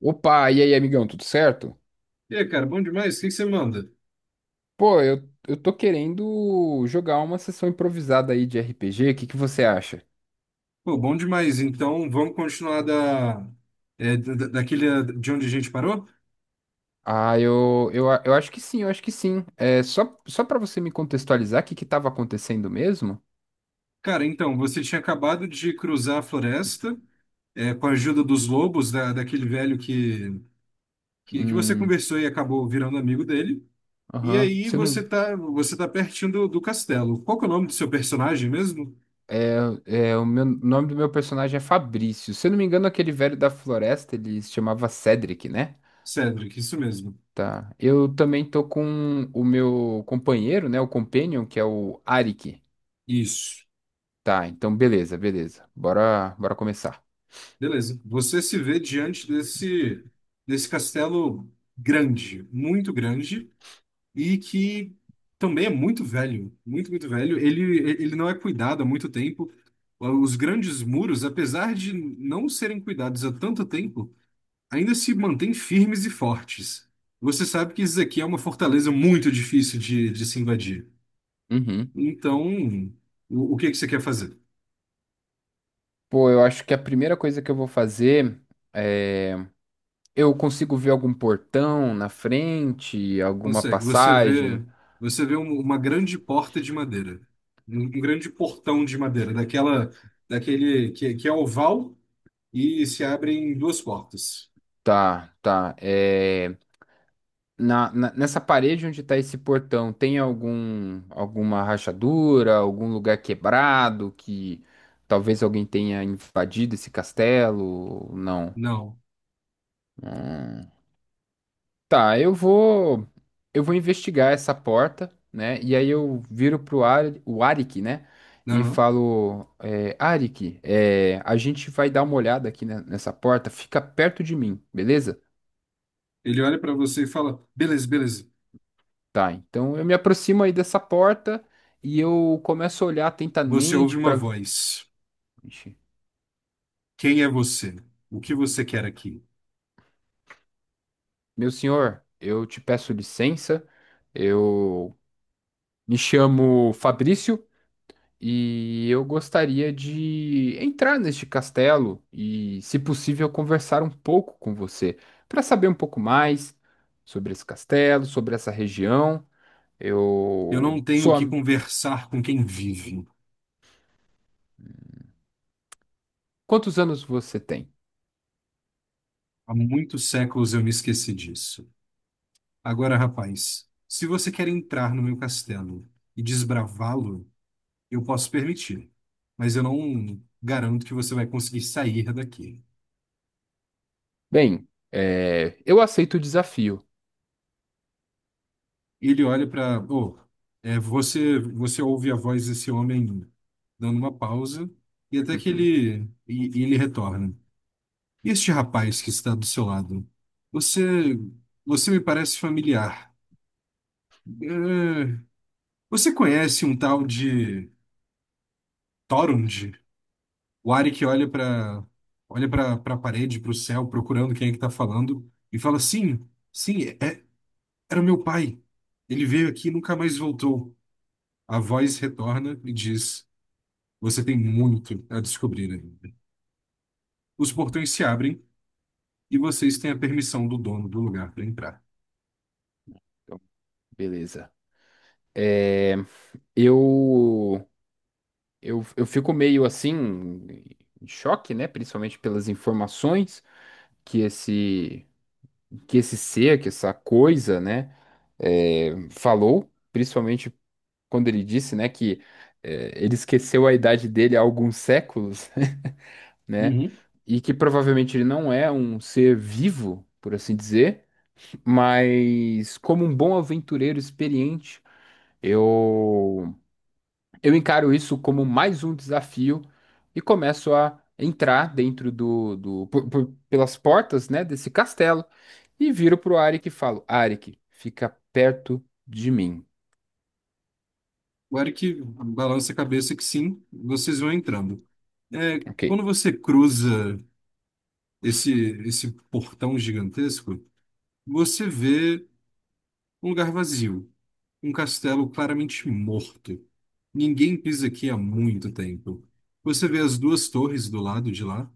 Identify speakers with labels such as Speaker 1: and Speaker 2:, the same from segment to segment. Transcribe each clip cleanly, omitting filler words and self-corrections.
Speaker 1: Opa, e aí, amigão, tudo certo?
Speaker 2: E aí, cara, bom demais? O que que você manda?
Speaker 1: Pô, eu tô querendo jogar uma sessão improvisada aí de RPG, o que que você acha?
Speaker 2: Pô, bom demais. Então, vamos continuar da, daquele de onde a gente parou?
Speaker 1: Eu acho que sim, eu acho que sim. É, só pra você me contextualizar, o que que tava acontecendo mesmo?
Speaker 2: Cara, então, você tinha acabado de cruzar a floresta, com a ajuda dos lobos, daquele velho que você
Speaker 1: Hum,
Speaker 2: conversou e acabou virando amigo dele. E
Speaker 1: aham,
Speaker 2: aí
Speaker 1: você não...
Speaker 2: você tá pertinho do castelo. Qual que é o nome do seu personagem mesmo?
Speaker 1: É, é, o meu, o nome do meu personagem é Fabrício. Se eu não me engano, aquele velho da floresta, ele se chamava Cedric, né?
Speaker 2: Cedric, isso mesmo.
Speaker 1: Tá. Eu também tô com o meu companheiro, né? O Companion, que é o Arik.
Speaker 2: Isso.
Speaker 1: Tá, então beleza, beleza. Bora, bora começar.
Speaker 2: Beleza. Você se vê diante desse, desse castelo grande, muito grande, e que também é muito velho, muito, muito velho. Ele não é cuidado há muito tempo. Os grandes muros, apesar de não serem cuidados há tanto tempo, ainda se mantêm firmes e fortes. Você sabe que isso aqui é uma fortaleza muito difícil de se invadir.
Speaker 1: Uhum.
Speaker 2: Então, o que é que você quer fazer?
Speaker 1: Pô, eu acho que a primeira coisa que eu vou fazer é. Eu consigo ver algum portão na frente, alguma
Speaker 2: Consegue.
Speaker 1: passagem?
Speaker 2: Você vê uma grande porta de madeira, um grande portão de madeira, daquele que é oval e se abrem duas portas.
Speaker 1: Tá, tá. É... Nessa parede onde tá esse portão, tem algum, alguma rachadura, algum lugar quebrado que talvez alguém tenha invadido esse castelo? Não.
Speaker 2: Não.
Speaker 1: Hum. Tá, eu vou investigar essa porta, né? E aí eu viro pro Ari, o Arik, né? E
Speaker 2: Não.
Speaker 1: falo, é, Arik, é, a gente vai dar uma olhada aqui nessa porta, fica perto de mim, beleza?
Speaker 2: Ele olha para você e fala: Beleza, beleza.
Speaker 1: Tá, então eu me aproximo aí dessa porta e eu começo a olhar
Speaker 2: Você ouve
Speaker 1: atentamente
Speaker 2: uma
Speaker 1: para.
Speaker 2: voz. Quem é você? O que você quer aqui?
Speaker 1: Meu senhor, eu te peço licença, eu me chamo Fabrício. E eu gostaria de entrar neste castelo e, se possível, conversar um pouco com você para saber um pouco mais sobre esse castelo, sobre essa região.
Speaker 2: Eu não
Speaker 1: Eu
Speaker 2: tenho
Speaker 1: sou.
Speaker 2: que conversar com quem vive.
Speaker 1: Quantos anos você tem?
Speaker 2: Há muitos séculos eu me esqueci disso. Agora, rapaz, se você quer entrar no meu castelo e desbravá-lo, eu posso permitir. Mas eu não garanto que você vai conseguir sair daqui.
Speaker 1: Bem, é, eu aceito o desafio.
Speaker 2: E ele olha para, oh, é, você ouve a voz desse homem ainda, dando uma pausa e até que
Speaker 1: Uhum.
Speaker 2: ele, e ele retorna. E este rapaz que está do seu lado, você, você me parece familiar. É, você conhece um tal de Torund? O Ari que olha para, olha para a parede, para o céu, procurando quem é que está falando e fala: Sim, sim, é, era meu pai. Ele veio aqui e nunca mais voltou. A voz retorna e diz: Você tem muito a descobrir ainda. Os portões se abrem e vocês têm a permissão do dono do lugar para entrar.
Speaker 1: Então, beleza. Eu, eu fico meio assim, em choque, né? Principalmente pelas informações que esse que esse ser, que essa coisa, né, é, falou, principalmente quando ele disse, né, que é, ele esqueceu a idade dele há alguns séculos, né,
Speaker 2: Uhum.
Speaker 1: e que provavelmente ele não é um ser vivo, por assim dizer, mas como um bom aventureiro experiente, eu eu encaro isso como mais um desafio e começo a entrar dentro do, do pelas portas, né, desse castelo e viro pro Arik e falo: Arik, fica perto de mim.
Speaker 2: O Eric balança a cabeça que sim, vocês vão entrando. É,
Speaker 1: Ok.
Speaker 2: quando você cruza esse, esse portão gigantesco, você vê um lugar vazio. Um castelo claramente morto. Ninguém pisa aqui há muito tempo. Você vê as duas torres do lado de lá,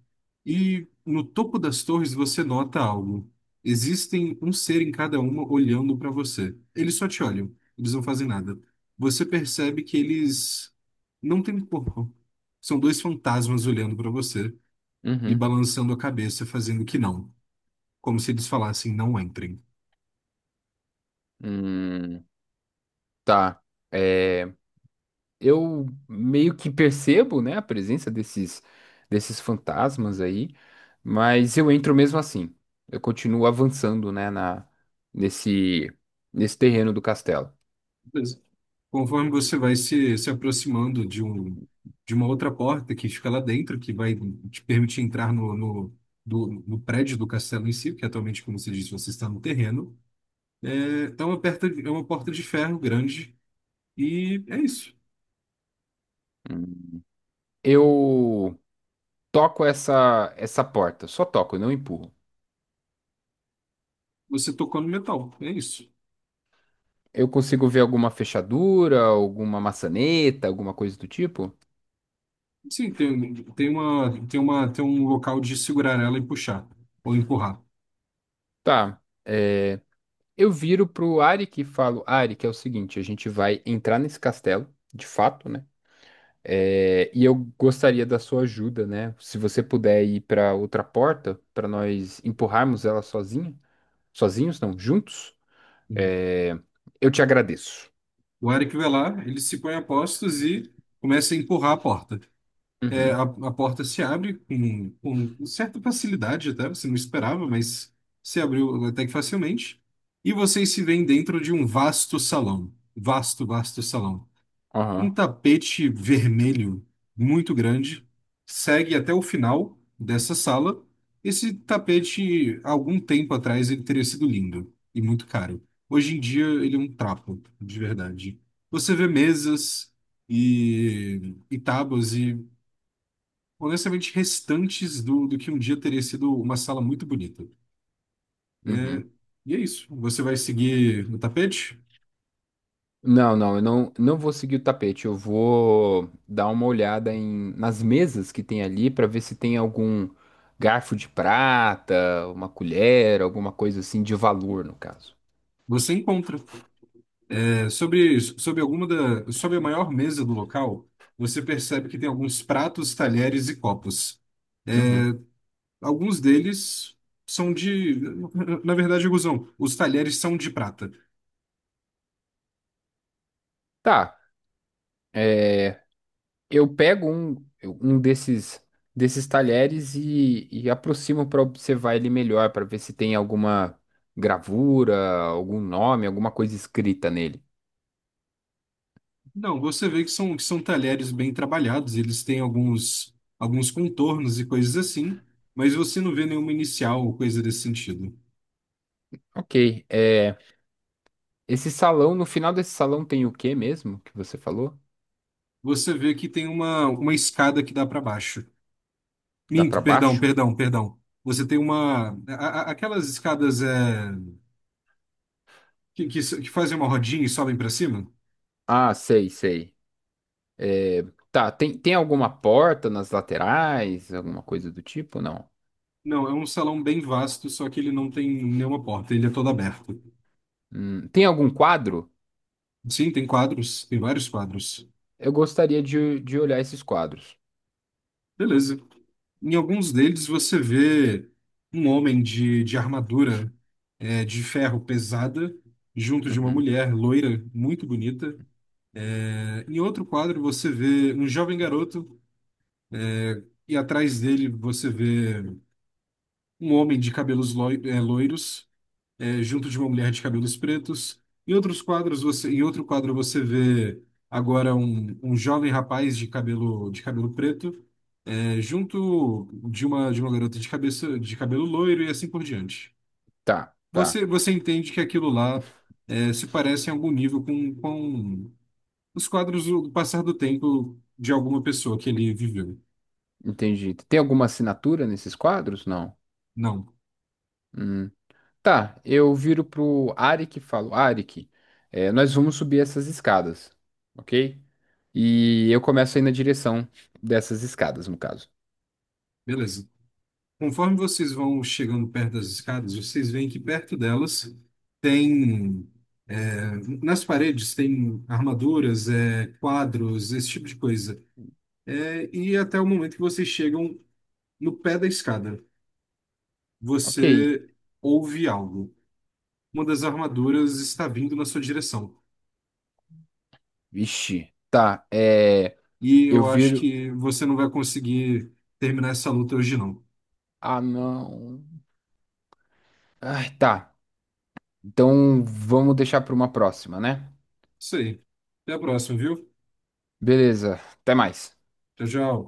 Speaker 2: e no topo das torres você nota algo. Existem um ser em cada uma olhando para você. Eles só te olham, eles não fazem nada. Você percebe que eles não têm corpo. São dois fantasmas olhando para você e
Speaker 1: Uhum.
Speaker 2: balançando a cabeça, fazendo que não, como se eles falassem: não entrem.
Speaker 1: Hum, tá. É, eu meio que percebo, né, a presença desses fantasmas aí, mas eu entro mesmo assim. Eu continuo avançando, né, na nesse nesse terreno do castelo.
Speaker 2: Conforme você vai se aproximando de um, de uma outra porta que fica lá dentro, que vai te permitir entrar no prédio do castelo em si, que atualmente, como você disse, você está no terreno. É, é uma porta de ferro grande e é isso.
Speaker 1: Eu toco essa porta, só toco, eu não empurro.
Speaker 2: Você tocou no metal, é isso.
Speaker 1: Eu consigo ver alguma fechadura, alguma maçaneta, alguma coisa do tipo?
Speaker 2: Sim, tem um local de segurar ela e puxar, ou empurrar.
Speaker 1: Tá. é, eu viro pro Arik e falo, Arik, é o seguinte, a gente vai entrar nesse castelo, de fato, né? É, e eu gostaria da sua ajuda, né? Se você puder ir para outra porta, para nós empurrarmos ela sozinha, sozinhos, não, juntos, é, eu te agradeço.
Speaker 2: O Eric vai lá, ele se põe a postos e começa a empurrar a porta.
Speaker 1: Uhum.
Speaker 2: A porta se abre com certa facilidade até, você não esperava, mas se abriu até que facilmente. E vocês se veem dentro de um vasto salão. Vasto, vasto salão. Um
Speaker 1: Aham.
Speaker 2: tapete vermelho muito grande segue até o final dessa sala. Esse tapete, há algum tempo atrás, ele teria sido lindo e muito caro. Hoje em dia, ele é um trapo, de verdade. Você vê mesas e tábuas e, honestamente, restantes do que um dia teria sido uma sala muito bonita. É,
Speaker 1: Uhum.
Speaker 2: e é isso. Você vai seguir no tapete?
Speaker 1: Não, não, eu não, não vou seguir o tapete. Eu vou dar uma olhada em, nas mesas que tem ali para ver se tem algum garfo de prata, uma colher, alguma coisa assim de valor, no caso.
Speaker 2: Você encontra. É, sobre a maior mesa do local, você percebe que tem alguns pratos, talheres e copos.
Speaker 1: Uhum.
Speaker 2: Alguns deles são de, na verdade, Guzão, os talheres são de prata.
Speaker 1: Tá, é, eu pego um, desses, desses talheres e aproximo para observar ele melhor, para ver se tem alguma gravura, algum nome, alguma coisa escrita nele.
Speaker 2: Não, você vê que são talheres bem trabalhados, eles têm alguns, alguns contornos e coisas assim, mas você não vê nenhuma inicial ou coisa desse sentido.
Speaker 1: Ok, é, esse salão, no final desse salão tem o que mesmo que você falou?
Speaker 2: Você vê que tem uma escada que dá para baixo.
Speaker 1: Dá pra
Speaker 2: Minto, perdão,
Speaker 1: baixo?
Speaker 2: perdão, perdão. Você tem uma. Aquelas escadas, é, que fazem uma rodinha e sobem para cima?
Speaker 1: Ah, sei, sei. Tá, tem, tem alguma porta nas laterais, alguma coisa do tipo? Não.
Speaker 2: Não, é um salão bem vasto, só que ele não tem nenhuma porta, ele é todo aberto.
Speaker 1: Tem algum quadro?
Speaker 2: Sim, tem quadros, tem vários quadros.
Speaker 1: Eu gostaria de olhar esses quadros.
Speaker 2: Beleza. Em alguns deles você vê um homem de armadura, é, de ferro pesada, junto de uma
Speaker 1: Uhum.
Speaker 2: mulher loira, muito bonita. É, em outro quadro, você vê um jovem garoto, é, e atrás dele você vê um homem de cabelos loiros, é, junto de uma mulher de cabelos pretos. Em outros quadros, você, em outro quadro, você vê agora um jovem rapaz de cabelo preto, é, junto de uma garota de cabeça, de cabelo loiro e assim por diante.
Speaker 1: Tá, tá.
Speaker 2: Você, você entende que aquilo lá, é, se parece em algum nível com os quadros do passar do tempo de alguma pessoa que ele viveu.
Speaker 1: Entendi. Tem alguma assinatura nesses quadros? Não.
Speaker 2: Não.
Speaker 1: Hum. Tá, eu viro pro Arik e falo, Arik, é, nós vamos subir essas escadas, ok? E eu começo a ir na direção dessas escadas, no caso.
Speaker 2: Beleza. Conforme vocês vão chegando perto das escadas, vocês veem que perto delas tem, é, nas paredes tem armaduras, é, quadros, esse tipo de coisa. É, e até o momento que vocês chegam no pé da escada,
Speaker 1: Ok.
Speaker 2: você ouve algo. Uma das armaduras está vindo na sua direção.
Speaker 1: Vixe, tá. É,
Speaker 2: E
Speaker 1: eu
Speaker 2: eu acho
Speaker 1: viro.
Speaker 2: que você não vai conseguir terminar essa luta hoje, não.
Speaker 1: Ah, não. Ai, tá. Então vamos deixar para uma próxima, né?
Speaker 2: Isso aí. Até a próxima, viu?
Speaker 1: Beleza. Até mais.
Speaker 2: Tchau, tchau.